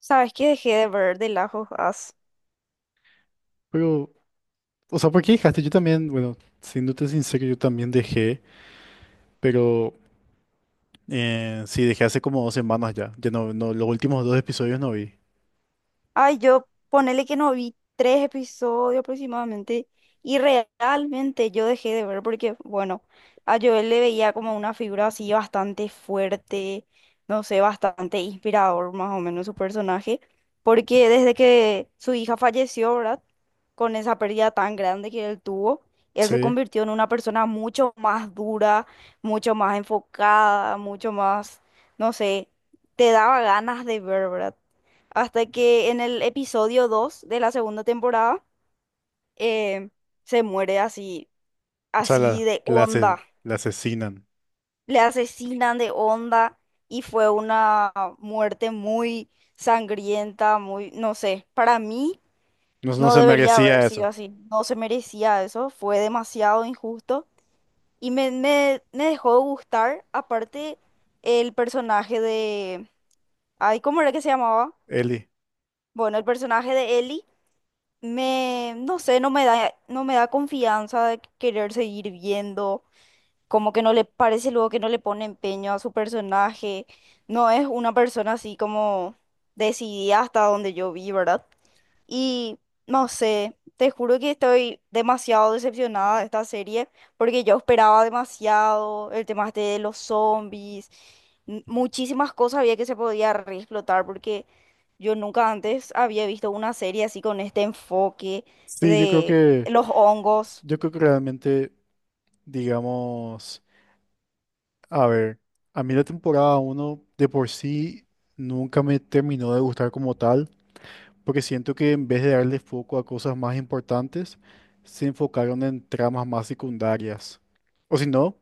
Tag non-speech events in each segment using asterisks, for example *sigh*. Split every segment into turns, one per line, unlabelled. ¿Sabes que dejé de ver The Last of Us?
Pero, o sea, ¿por qué dejaste? Yo también, bueno, siéndote sincero, yo también dejé, pero sí, dejé hace como dos semanas ya. Ya no, los últimos dos episodios no vi.
Ay, yo ponele que no vi tres episodios aproximadamente y realmente yo dejé de ver porque, bueno, a Joel le veía como una figura así bastante fuerte, no sé, bastante inspirador más o menos su personaje, porque desde que su hija falleció, ¿verdad? Con esa pérdida tan grande que él tuvo, él se
Sí.
convirtió en una persona mucho más dura, mucho más enfocada, mucho más, no sé, te daba ganas de ver, ¿verdad? Hasta que en el episodio 2 de la segunda temporada eh, se muere así,
O sea,
así de onda.
la asesinan.
Le asesinan de onda y fue una muerte muy sangrienta, muy, no sé, para mí
No, no
no
se
debería haber
merecía eso,
sido así, no se merecía eso, fue demasiado injusto y me dejó de gustar, aparte el personaje de, ay, ¿cómo era que se llamaba?
Eli.
Bueno, el personaje de Ellie. Me, no sé, no me da confianza de querer seguir viendo, como que no le parece luego que no le pone empeño a su personaje, no es una persona así como decidida hasta donde yo vi, ¿verdad? Y no sé, te juro que estoy demasiado decepcionada de esta serie porque yo esperaba demasiado el tema este de los zombies, muchísimas cosas había que se podía reexplotar porque yo nunca antes había visto una serie así con este enfoque
Sí,
de los hongos.
yo creo que realmente, digamos, a ver, a mí la temporada uno de por sí nunca me terminó de gustar como tal. Porque siento que en vez de darle foco a cosas más importantes, se enfocaron en tramas más secundarias. O si no,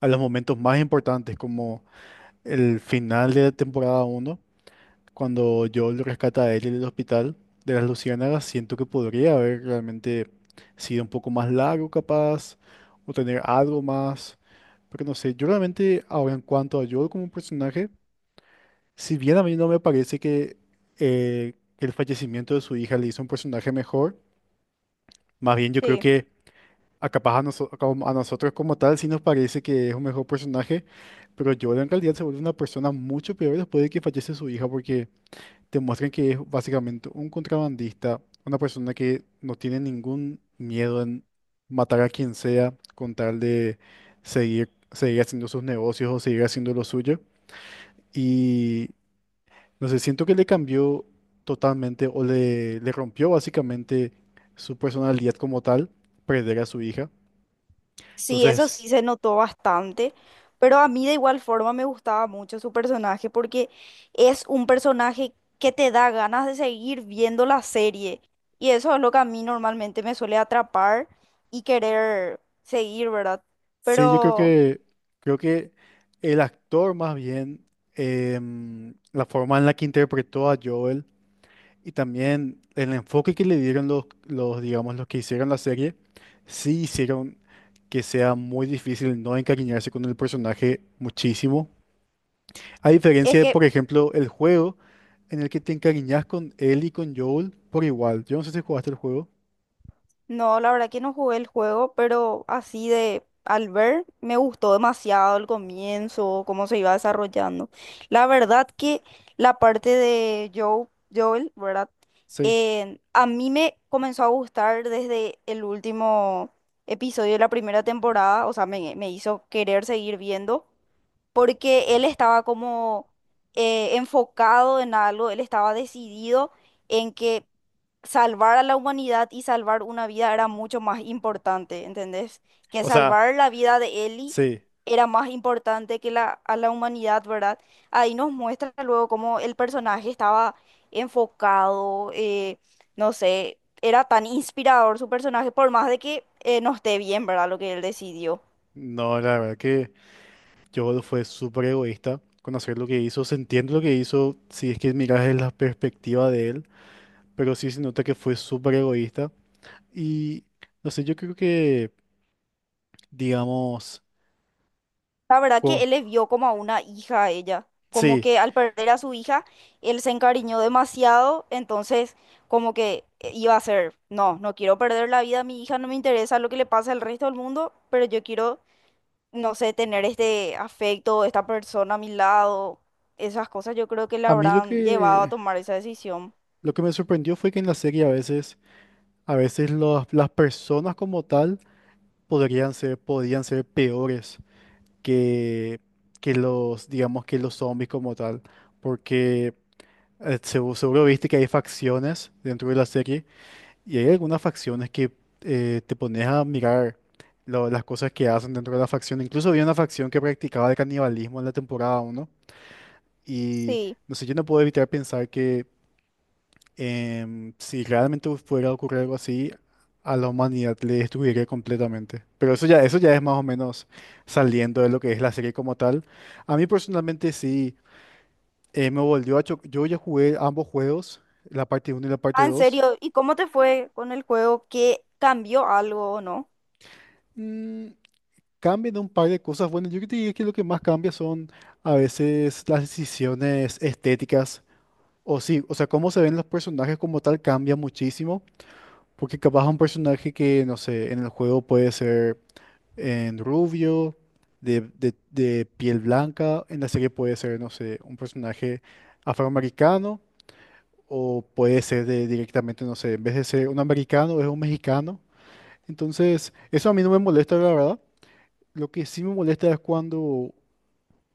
a los momentos más importantes, como el final de la temporada uno cuando Joel lo rescata a él en el hospital de las Luciérnagas, siento que podría haber realmente sido un poco más largo capaz, o tener algo más. Pero no sé, yo realmente ahora en cuanto a Joel como personaje, si bien a mí no me parece que el fallecimiento de su hija le hizo un personaje mejor, más bien yo creo
Sí.
que a capaz a nosotros como tal sí nos parece que es un mejor personaje, pero Joel en realidad se vuelve una persona mucho peor después de que fallece su hija porque te muestran que es básicamente un contrabandista, una persona que no tiene ningún miedo en matar a quien sea con tal de seguir haciendo sus negocios o seguir haciendo lo suyo. y No sé, siento que le cambió totalmente o le rompió básicamente su personalidad como tal, perder a su hija.
Sí, eso
Entonces,
sí se notó bastante, pero a mí de igual forma me gustaba mucho su personaje porque es un personaje que te da ganas de seguir viendo la serie y eso es lo que a mí normalmente me suele atrapar y querer seguir, ¿verdad?
sí,
Pero
creo que el actor más bien, la forma en la que interpretó a Joel y también el enfoque que le dieron digamos, los que hicieron la serie, sí hicieron que sea muy difícil no encariñarse con el personaje muchísimo. A diferencia
es
de,
que
por ejemplo, el juego, en el que te encariñas con él y con Joel por igual. Yo no sé si jugaste el juego.
no, la verdad que no jugué el juego, pero así de al ver me gustó demasiado el comienzo, cómo se iba desarrollando. La verdad que la parte de Joel, ¿verdad?
Sí.
A mí me comenzó a gustar desde el último episodio de la primera temporada, o sea, me hizo querer seguir viendo porque él estaba como enfocado en algo, él estaba decidido en que salvar a la humanidad y salvar una vida era mucho más importante, ¿entendés? Que
O sea,
salvar la vida de Ellie
sí.
era más importante que la, a la humanidad, ¿verdad? Ahí nos muestra luego cómo el personaje estaba enfocado, no sé, era tan inspirador su personaje, por más de que no esté bien, ¿verdad? Lo que él decidió.
No, la verdad que Joel fue súper egoísta con hacer lo que hizo. Se entiende lo que hizo si es que miras desde la perspectiva de él, pero sí se nota que fue súper egoísta. Y no sé, yo creo que, digamos,
La verdad que
co-
él le vio como a una hija a ella, como
sí.
que al perder a su hija, él se encariñó demasiado, entonces como que iba a ser, no, no quiero perder la vida a mi hija, no me interesa lo que le pasa al resto del mundo, pero yo quiero, no sé, tener este afecto, esta persona a mi lado, esas cosas yo creo que le
A mí
habrán llevado a tomar esa decisión.
lo que me sorprendió fue que en la serie a veces las personas como tal podían ser peores que, que los, digamos que los zombies como tal, porque seguro, viste que hay facciones dentro de la serie y hay algunas facciones que te pones a mirar las cosas que hacen dentro de la facción. Incluso había una facción que practicaba el canibalismo en la temporada uno y
Sí.
no sé, yo no puedo evitar pensar que si realmente pudiera ocurrir algo así, a la humanidad le destruiría completamente. Pero eso ya es más o menos saliendo de lo que es la serie como tal. A mí personalmente sí, me volvió a chocar. Yo ya jugué ambos juegos, la parte uno y la parte
Ah, en
dos.
serio, ¿y cómo te fue con el juego? ¿Qué cambió algo o no?
Mm, cambian un par de cosas. Bueno, yo te diría que lo que más cambia son a veces las decisiones estéticas. O sí, o sea, cómo se ven los personajes como tal cambia muchísimo. Porque capaz un personaje que, no sé, en el juego puede ser en rubio, de piel blanca. En la serie puede ser, no sé, un personaje afroamericano o puede ser de, directamente, no sé, en vez de ser un americano, es un mexicano. Entonces, eso a mí no me molesta, la verdad. Lo que sí me molesta es cuando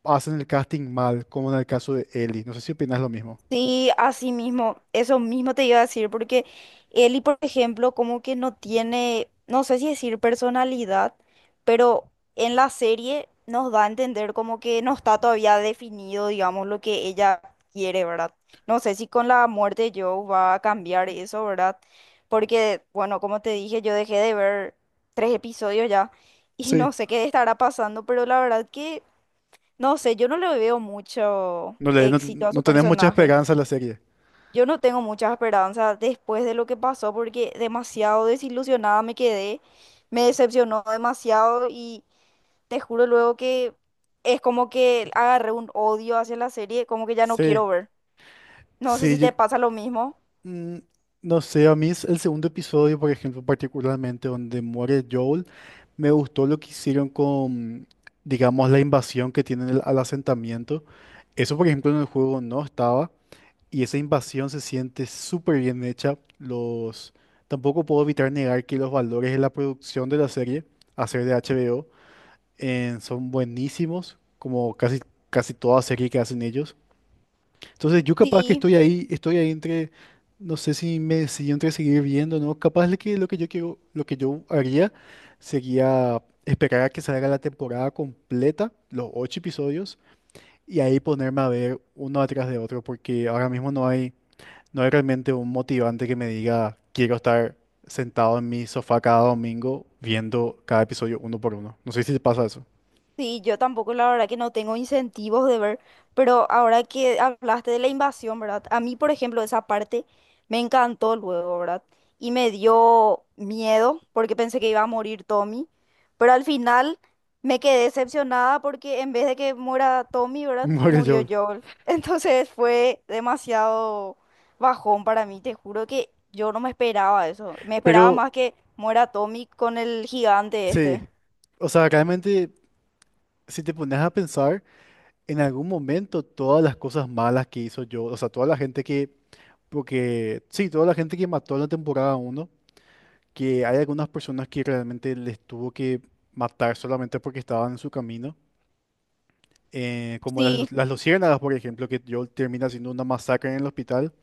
hacen el casting mal, como en el caso de Ellie. No sé si opinas lo mismo.
Sí, así mismo, eso mismo te iba a decir, porque Eli, por ejemplo, como que no tiene, no sé si decir personalidad, pero en la serie nos da a entender como que no está todavía definido, digamos, lo que ella quiere, ¿verdad? No sé si con la muerte de Joe va a cambiar eso, ¿verdad? Porque, bueno, como te dije, yo dejé de ver tres episodios ya *laughs* y
Sí.
no sé qué estará pasando, pero la verdad que, no sé, yo no le veo mucho
No le, no,
éxito a
no
su
tenés mucha
personaje.
esperanza en la serie.
Yo no tengo muchas esperanzas después de lo que pasó porque demasiado desilusionada me quedé, me decepcionó demasiado y te juro luego que es como que agarré un odio hacia la serie, como que ya no
Sí,
quiero ver. No sé si
sí.
te pasa lo mismo.
Mm. No sé, a mí es el segundo episodio, por ejemplo, particularmente donde muere Joel, me gustó lo que hicieron con, digamos, la invasión que tienen al asentamiento. Eso, por ejemplo, en el juego no estaba y esa invasión se siente súper bien hecha. Los... Tampoco puedo evitar negar que los valores de la producción de la serie, a ser de HBO, son buenísimos, como casi, casi toda serie que hacen ellos. Entonces yo capaz que
Sí.
estoy ahí entre, no sé si entre seguir viendo, ¿no? Capaz de que lo que yo quiero, lo que yo haría sería esperar a que salga la temporada completa, los ocho episodios, y ahí ponerme a ver uno atrás de otro, porque ahora mismo no hay, no hay realmente un motivante que me diga quiero estar sentado en mi sofá cada domingo viendo cada episodio uno por uno. No sé si te pasa eso.
Sí, yo tampoco, la verdad que no tengo incentivos de ver, pero ahora que hablaste de la invasión, ¿verdad? A mí, por ejemplo, esa parte me encantó luego, ¿verdad? Y me dio miedo porque pensé que iba a morir Tommy, pero al final me quedé decepcionada porque en vez de que muera Tommy,
*laughs*
¿verdad?
Muere
Murió
Joel.
Joel. *laughs* Entonces fue demasiado bajón para mí, te juro que yo no me esperaba eso. Me esperaba
Pero
más que muera Tommy con el gigante
sí,
este.
o sea, realmente si te pones a pensar, en algún momento todas las cosas malas que hizo yo, o sea, toda la gente que, porque sí, toda la gente que mató en la temporada uno, que hay algunas personas que realmente les tuvo que matar solamente porque estaban en su camino, como las,
Sí,
las luciérnagas, por ejemplo, que yo termina siendo una masacre en el hospital,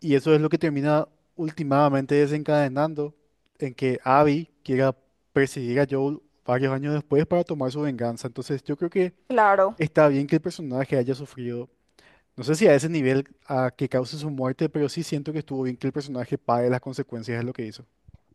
y eso es lo que termina últimamente desencadenando en que Abby quiera perseguir a Joel varios años después para tomar su venganza. Entonces, yo creo que
claro.
está bien que el personaje haya sufrido. No sé si a ese nivel a que cause su muerte, pero sí siento que estuvo bien que el personaje pague las consecuencias de lo que hizo.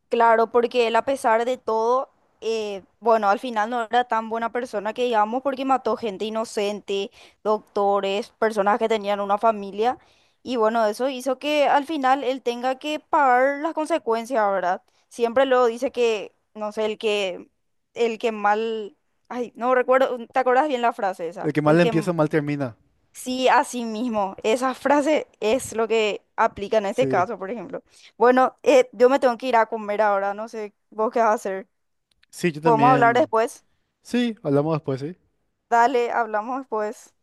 Claro, porque él a pesar de todo, bueno, al final no era tan buena persona que digamos porque mató gente inocente, doctores, personas que tenían una familia. Y bueno, eso hizo que al final él tenga que pagar las consecuencias, ¿verdad? Siempre luego dice que, no sé, el que mal, ay, no recuerdo, ¿te acuerdas bien la frase
El
esa?
que mal
El
empieza,
que...
mal termina.
Sí, así mismo. Esa frase es lo que aplica en este
Sí.
caso, por ejemplo. Bueno, yo me tengo que ir a comer ahora, no sé vos qué vas a hacer.
Sí, yo
¿Podemos hablar
también.
después?
Sí, hablamos después, ¿sí?
Dale, hablamos después.